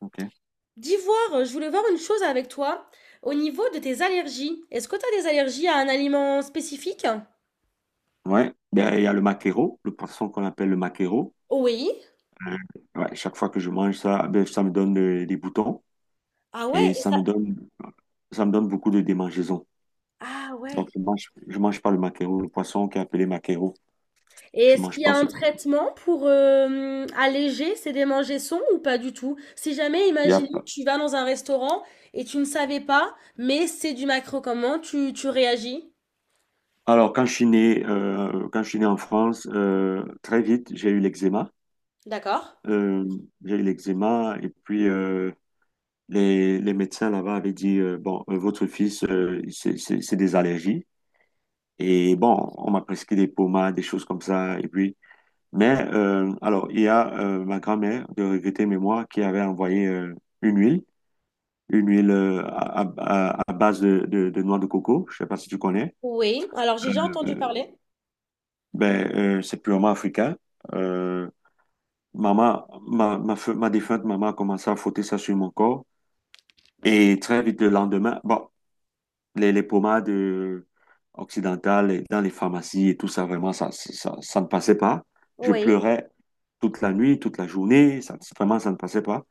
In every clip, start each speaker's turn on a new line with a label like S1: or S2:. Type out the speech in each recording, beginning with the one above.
S1: Ok.
S2: D'ivoire, je voulais voir une chose avec toi au niveau de tes allergies. Est-ce que tu as des allergies à un aliment spécifique?
S1: Ouais. Ben, il y a le maquereau, le poisson qu'on appelle le maquereau.
S2: Oui.
S1: Euh, ouais, chaque fois que je mange ça, ben, ça me donne des boutons
S2: Ah ouais,
S1: et
S2: et ça...
S1: ça me donne beaucoup de démangeaisons.
S2: Ah ouais.
S1: Donc, je mange pas le maquereau, le poisson qui est appelé maquereau.
S2: Et
S1: Je
S2: est-ce
S1: mange
S2: qu'il y a
S1: pas
S2: un
S1: ce poisson.
S2: traitement pour alléger ces démangeaisons ou pas du tout? Si jamais,
S1: Il y a
S2: imaginez, que
S1: pas-
S2: tu vas dans un restaurant et tu ne savais pas, mais c'est du macro, comment tu réagis?
S1: Alors, quand je suis né en France, très vite, j'ai eu l'eczéma.
S2: D'accord.
S1: Euh, j'ai eu l'eczéma et puis les médecins là-bas avaient dit, bon, votre fils, c'est des allergies. Et bon, on m'a prescrit des pommades, des choses comme ça. Et puis, il y a ma grand-mère de regrettée mémoire qui avait envoyé une huile, une huile à base de noix de coco. Je sais pas si tu connais.
S2: Oui. Alors j'ai déjà entendu
S1: Euh,
S2: parler.
S1: c'est purement africain. Euh, maman, ma défunte maman a commencé à frotter ça sur mon corps. Et très vite le lendemain, bon. Les pommades occidentales et dans les pharmacies et tout ça, vraiment, ça ne passait pas. Je
S2: Oui.
S1: pleurais toute la nuit, toute la journée, ça, vraiment, ça ne passait pas.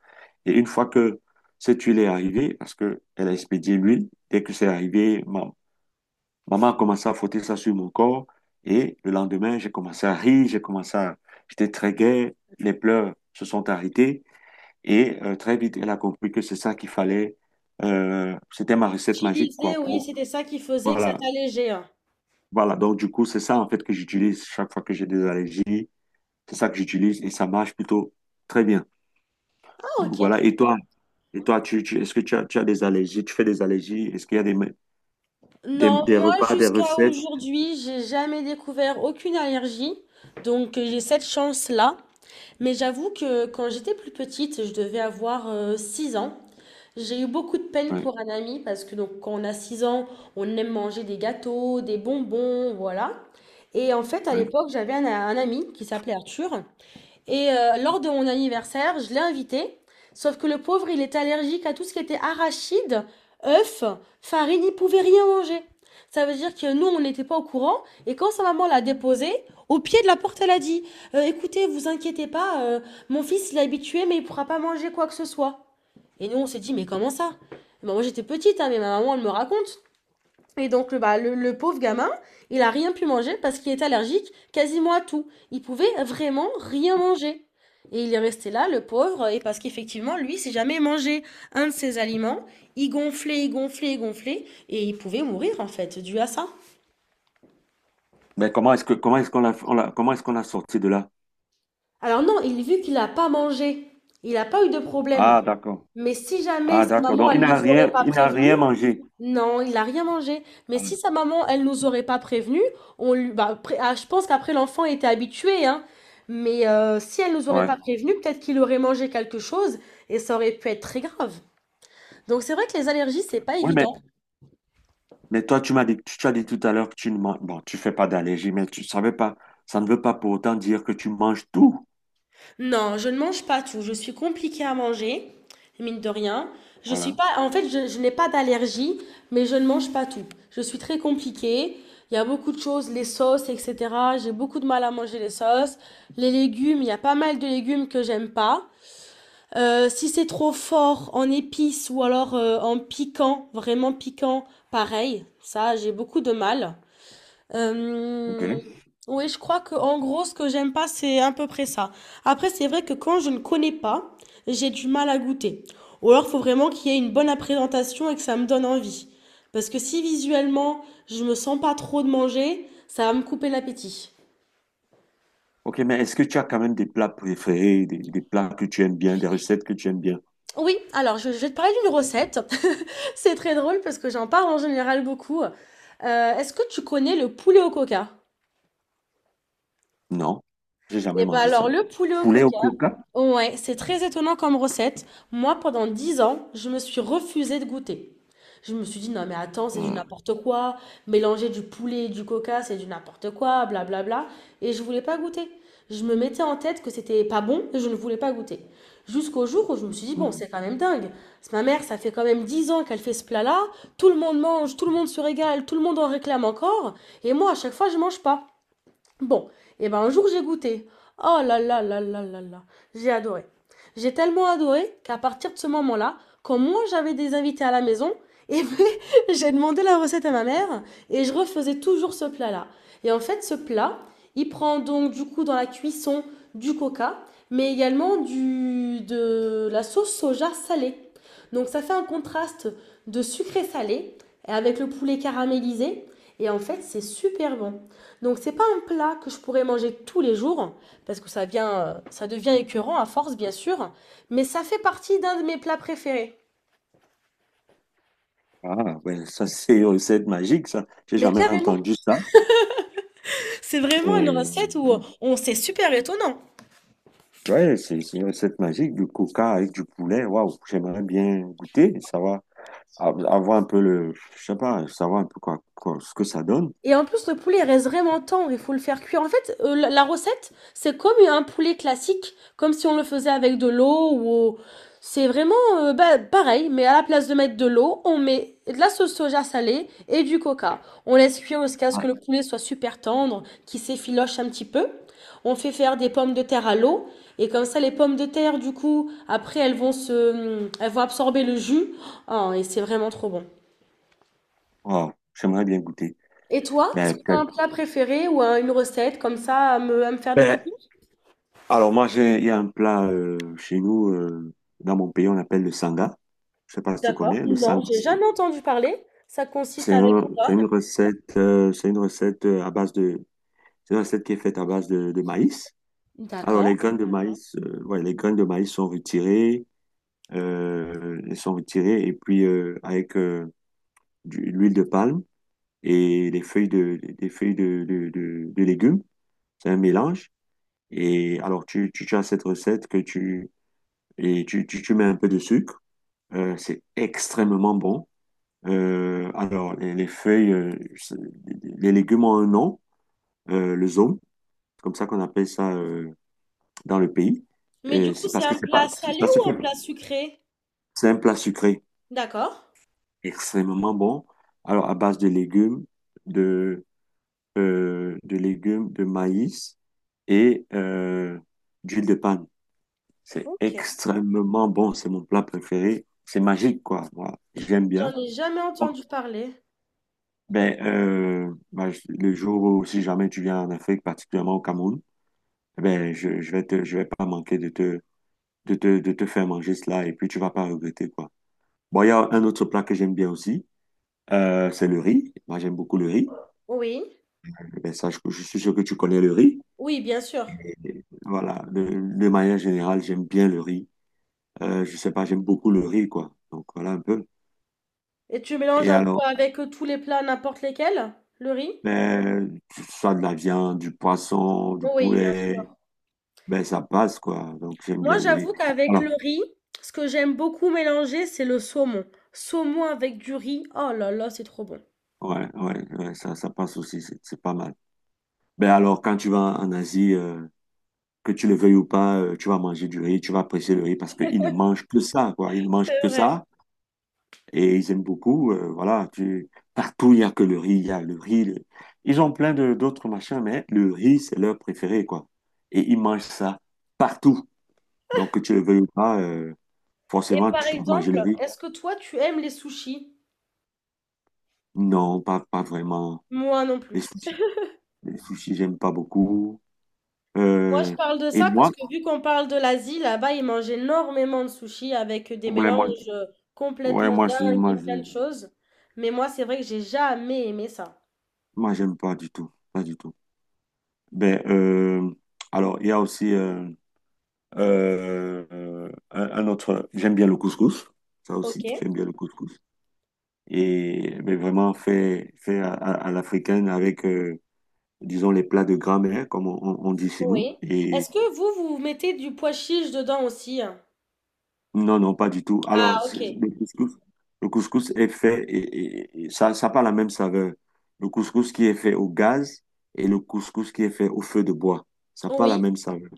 S1: Et une fois que cette huile est arrivée, parce qu'elle a expédié l'huile, dès que c'est arrivé, maman a commencé à frotter ça sur mon corps. Et le lendemain, j'ai commencé à rire, j'ai commencé à... J'étais très gai, les pleurs se sont arrêtés. Et très vite, elle a compris que c'est ça qu'il fallait. C'était ma recette magique,
S2: Utilisé,
S1: quoi,
S2: oui, c'était ça qui faisait que ça
S1: voilà,
S2: t'allégeait, hein.
S1: voilà, donc du coup, c'est ça en fait que j'utilise chaque fois que j'ai des allergies. C'est ça que j'utilise et ça marche plutôt très bien.
S2: Ah, ok,
S1: Donc voilà,
S2: très bien.
S1: et toi, est-ce que tu as des allergies? Tu fais des allergies? Est-ce qu'il y a des, me-
S2: Non,
S1: des
S2: moi
S1: repas, des
S2: jusqu'à
S1: recettes?
S2: aujourd'hui, j'ai jamais découvert aucune allergie, donc j'ai cette chance-là. Mais j'avoue que quand j'étais plus petite, je devais avoir 6 ans. J'ai eu beaucoup de peine
S1: Oui,
S2: pour un ami parce que donc quand on a 6 ans, on aime manger des gâteaux, des bonbons, voilà. Et en fait, à
S1: oui.
S2: l'époque, j'avais un ami qui s'appelait Arthur. Et lors de mon anniversaire, je l'ai invité. Sauf que le pauvre, il est allergique à tout ce qui était arachide, œufs, farine, il ne pouvait rien manger. Ça veut dire que nous, on n'était pas au courant. Et quand sa maman l'a déposé au pied de la porte, elle a dit: Écoutez, vous inquiétez pas, mon fils, il est habitué, mais il ne pourra pas manger quoi que ce soit.» Et nous, on s'est dit: «Mais comment ça?» Bah, moi, j'étais petite, hein, mais ma maman, elle me raconte. Et donc, le pauvre gamin, il a rien pu manger parce qu'il est allergique quasiment à tout. Il pouvait vraiment rien manger. Et il est resté là, le pauvre, et parce qu'effectivement, lui, il ne s'est jamais mangé un de ses aliments. Il gonflait, il gonflait, il gonflait, et il pouvait mourir, en fait, dû à ça.
S1: Mais comment est-ce qu'on comment est-ce qu'on l'a sorti de là?
S2: Alors non, il vu qu'il n'a pas mangé, il n'a pas eu de problème.
S1: Ah, d'accord.
S2: Mais si jamais
S1: Ah,
S2: sa
S1: d'accord.
S2: maman,
S1: Donc
S2: elle ne nous aurait pas
S1: il n'a
S2: prévenu,
S1: rien mangé.
S2: non, il n'a rien mangé. Mais
S1: Ah,
S2: si sa maman, elle nous aurait pas prévenu, on lui, bah, après- ah, je pense qu'après l'enfant était habitué, hein. Mais si elle nous aurait
S1: Ouais.
S2: pas prévenu, peut-être qu'il aurait mangé quelque chose et ça aurait pu être très grave. Donc c'est vrai que les allergies, c'est pas
S1: Oui,
S2: évident.
S1: mais toi, tu m'as dit, tu as dit tout à l'heure que tu ne manges, bon, tu fais pas d'allergie, mais tu savais pas, ça ne veut pas pour autant dire que tu manges tout.
S2: Non, je ne mange pas tout. Je suis compliquée à manger, mine de rien. Je suis
S1: Voilà.
S2: pas, en fait, je n'ai pas d'allergie, mais je ne mange pas tout. Je suis très compliquée. Il y a beaucoup de choses, les sauces, etc. J'ai beaucoup de mal à manger les sauces. Les légumes, il y a pas mal de légumes que j'aime pas. Si c'est trop fort en épices ou alors en piquant, vraiment piquant, pareil. Ça, j'ai beaucoup de mal. Euh,
S1: Ok.
S2: oui, je crois que en gros, ce que j'aime pas, c'est à peu près ça. Après, c'est vrai que quand je ne connais pas, j'ai du mal à goûter. Ou alors, il faut vraiment qu'il y ait une bonne présentation et que ça me donne envie. Parce que si visuellement, je me sens pas trop de manger, ça va me couper l'appétit.
S1: Ok, mais est-ce que tu as quand même des plats préférés, des plats que tu aimes bien, des recettes que tu aimes bien?
S2: Oui, alors je vais te parler d'une recette. C'est très drôle parce que j'en parle en général beaucoup. Est-ce que tu connais le poulet au coca?
S1: Non, j'ai jamais
S2: Eh ben
S1: mangé
S2: alors,
S1: ça.
S2: le poulet au
S1: Poulet au
S2: coca.
S1: coca?
S2: Ouais, c'est très étonnant comme recette. Moi, pendant 10 ans, je me suis refusée de goûter. Je me suis dit, non mais attends, c'est du
S1: Hmm,
S2: n'importe quoi. Mélanger du poulet et du coca, c'est du n'importe quoi, blablabla. Et je voulais pas goûter. Je me mettais en tête que c'était pas bon et je ne voulais pas goûter. Jusqu'au jour où je me suis dit, bon,
S1: hmm.
S2: c'est quand même dingue. Parce que ma mère, ça fait quand même 10 ans qu'elle fait ce plat-là. Tout le monde mange, tout le monde se régale, tout le monde en réclame encore. Et moi, à chaque fois, je mange pas. Bon, et ben un jour j'ai goûté. Oh là là là là là là. J'ai adoré. J'ai tellement adoré qu'à partir de ce moment-là, quand moi j'avais des invités à la maison, et j'ai demandé la recette à ma mère et je refaisais toujours ce plat-là. Et en fait, ce plat, il prend donc du coup dans la cuisson du coca, mais également de la sauce soja salée. Donc ça fait un contraste de sucré salé avec le poulet caramélisé. Et en fait, c'est super bon. Donc c'est pas un plat que je pourrais manger tous les jours parce que ça vient, ça devient écœurant à force bien sûr, mais ça fait partie d'un de mes plats préférés.
S1: Ah, ouais, ça c'est une recette magique, ça. J'ai
S2: Mais
S1: jamais
S2: carrément,
S1: entendu ça.
S2: c'est vraiment une
S1: Mais...
S2: recette où
S1: hmm.
S2: on c'est super étonnant.
S1: Ouais, c'est une recette magique, du coca avec du poulet. Waouh, j'aimerais bien goûter, savoir, avoir un peu le, je sais pas, savoir un peu quoi, ce que ça donne.
S2: Et en plus, le poulet il reste vraiment tendre, il faut le faire cuire. En fait, la recette, c'est comme un poulet classique, comme si on le faisait avec de l'eau ou... C'est vraiment bah, pareil, mais à la place de mettre de l'eau, on met de la sauce soja salée et du coca. On laisse cuire jusqu'à ce que
S1: Ouais.
S2: le poulet soit super tendre, qu'il s'effiloche un petit peu. On fait faire des pommes de terre à l'eau et comme ça, les pommes de terre, du coup, après, elles vont absorber le jus. Ah, et c'est vraiment trop bon.
S1: Waouh, j'aimerais bien goûter.
S2: Et toi, est-ce
S1: Ben,
S2: que tu as un
S1: peut-être.
S2: plat préféré ou un- une recette comme ça à à me faire découvrir?
S1: Ben. Alors moi, il y a un plat chez nous, dans mon pays, on l'appelle le sanga. Je sais pas si tu
S2: D'accord,
S1: connais. Le
S2: non,
S1: sanga,
S2: j'ai jamais entendu parler. Ça consiste avec quoi?
S1: c'est une recette, à base de, c'est une recette qui est faite à base de maïs. Alors les
S2: D'accord.
S1: graines de maïs, ouais, les graines de maïs sont retirées, elles sont retirées et puis avec l'huile de palme et des feuilles de, de légumes. C'est un mélange. Et alors tu as cette recette que tu et tu mets un peu de sucre. C'est extrêmement bon. Alors, les feuilles, les légumes ont un nom, le zome, comme ça qu'on appelle ça dans le pays.
S2: Mais du
S1: Et
S2: coup,
S1: c'est
S2: c'est
S1: parce que
S2: un
S1: c'est pas,
S2: plat salé
S1: ça se
S2: ou
S1: fait,
S2: un plat sucré?
S1: c'est un plat sucré,
S2: D'accord.
S1: extrêmement bon. Alors, à base de légumes, de, de légumes, de maïs et d'huile de palme. C'est
S2: Ok.
S1: extrêmement bon, c'est mon plat préféré. C'est magique, quoi. Moi, j'aime
S2: J'en
S1: bien.
S2: ai jamais entendu parler.
S1: Le jour où si jamais tu viens en Afrique, particulièrement au Cameroun, ben, je vais je vais pas manquer de te, de te faire manger cela et puis tu vas pas regretter, quoi. Bon, il y a un autre plat que j'aime bien aussi, c'est le riz. Moi, j'aime beaucoup le riz.
S2: Oui.
S1: Eh Ben, ça, je suis sûr que tu connais le riz.
S2: Oui, bien sûr.
S1: Voilà, de manière générale, j'aime bien le riz. Je sais pas, j'aime beaucoup le riz, quoi. Donc, voilà un peu.
S2: Et tu mélanges
S1: Et
S2: un peu
S1: alors,
S2: avec tous les plats, n'importe lesquels, le riz?
S1: ben, soit de la viande, du poisson, du
S2: Oui, bien
S1: poulet,
S2: sûr.
S1: ben, ça passe, quoi. Donc, j'aime
S2: Moi,
S1: bien le riz.
S2: j'avoue qu'avec le
S1: alors
S2: riz, ce que j'aime beaucoup mélanger, c'est le saumon. Saumon avec du riz, oh là là, c'est trop bon.
S1: Ouais, ça, ça passe aussi, c'est pas mal. Ben alors, quand tu vas en Asie, que tu le veuilles ou pas, tu vas manger du riz, tu vas apprécier le riz parce qu'ils ne mangent que ça, quoi. Ils ne mangent
S2: C'est
S1: que
S2: vrai.
S1: ça et ils aiment beaucoup. Voilà, tu... partout, il y a le riz. Ils ont plein de d'autres machins, mais le riz, c'est leur préféré, quoi. Et ils mangent ça partout. Donc, que tu le veuilles ou pas,
S2: Et
S1: forcément,
S2: par
S1: tu vas manger le
S2: exemple,
S1: riz.
S2: est-ce que toi, tu aimes les sushis?
S1: Non, pas vraiment.
S2: Moi non
S1: Les
S2: plus.
S1: sushis, les sushis, j'aime pas beaucoup.
S2: Moi, je
S1: Euh,
S2: parle de
S1: et
S2: ça parce
S1: moi,
S2: que vu qu'on parle de l'Asie, là-bas, ils mangent énormément de sushis avec des
S1: Ouais, moi,
S2: mélanges
S1: ouais,
S2: complètement
S1: moi, je,
S2: dingues et
S1: moi,
S2: plein
S1: je,
S2: de choses. Mais moi, c'est vrai que j'ai jamais aimé ça.
S1: Moi, j'aime pas du tout, pas du tout. Ben, euh, alors, il y a aussi un autre, j'aime bien le couscous, ça
S2: Ok,
S1: aussi, j'aime bien le couscous. Et ben, vraiment fait, fait à, à l'africaine avec, disons, les plats de grammaire, comme on dit chez nous.
S2: oui.
S1: Et
S2: Est-ce que vous, vous mettez du pois chiche dedans aussi, hein?
S1: non, non, pas du tout.
S2: Ah, ok.
S1: Le couscous, le couscous est fait et ça n'a pas la même saveur. Le couscous qui est fait au gaz et le couscous qui est fait au feu de bois, ça n'a pas la
S2: Oui,
S1: même saveur.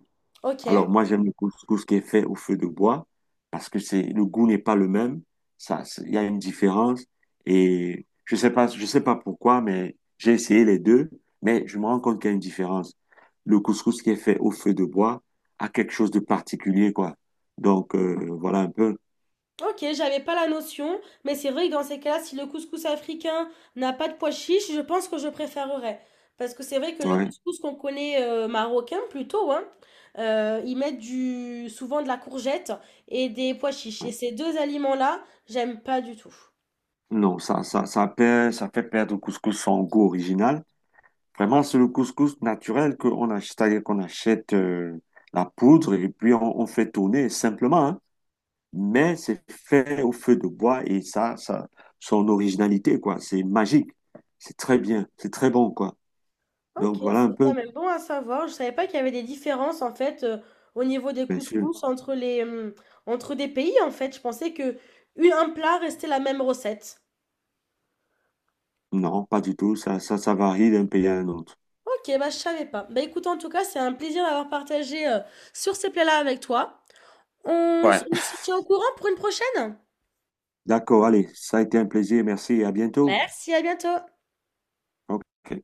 S2: ok.
S1: Alors, moi, j'aime le couscous qui est fait au feu de bois parce que c'est le goût n'est pas le même. Il y a une différence et je sais pas pourquoi, mais j'ai essayé les deux, mais je me rends compte qu'il y a une différence. Le couscous qui est fait au feu de bois a quelque chose de particulier, quoi. Donc, voilà un peu.
S2: Ok, j'avais pas la notion, mais c'est vrai que dans ces cas-là, si le couscous africain n'a pas de pois chiche, je pense que je préférerais. Parce que c'est vrai que le
S1: Ouais.
S2: couscous qu'on connaît marocain plutôt, hein, ils mettent du, souvent de la courgette et des pois chiches.
S1: Ouais.
S2: Et ces deux aliments-là, j'aime pas du tout.
S1: Non, ça perd, ça fait perdre au couscous son goût original. Vraiment, c'est le couscous naturel qu'on achète, c'est-à-dire qu'on achète la poudre et puis on fait tourner simplement, hein. Mais c'est fait au feu de bois et son originalité, quoi. C'est magique. C'est très bien. C'est très bon, quoi. Donc
S2: Ok,
S1: voilà un
S2: c'est quand
S1: peu.
S2: même bon à savoir. Je savais pas qu'il y avait des différences en fait au niveau des
S1: Bien sûr.
S2: couscous entre entre des pays en fait. Je pensais que une- un plat restait la même recette.
S1: Non, pas du tout. Ça varie d'un pays à un autre.
S2: Ok, bah je savais pas. Bah écoute, en tout cas, c'est un plaisir d'avoir partagé sur ces plats-là avec toi. On, s-
S1: Ouais.
S2: on se tient au courant pour une prochaine?
S1: D'accord, allez. Ça a été un plaisir. Merci et à bientôt.
S2: Merci, à bientôt!
S1: Ok.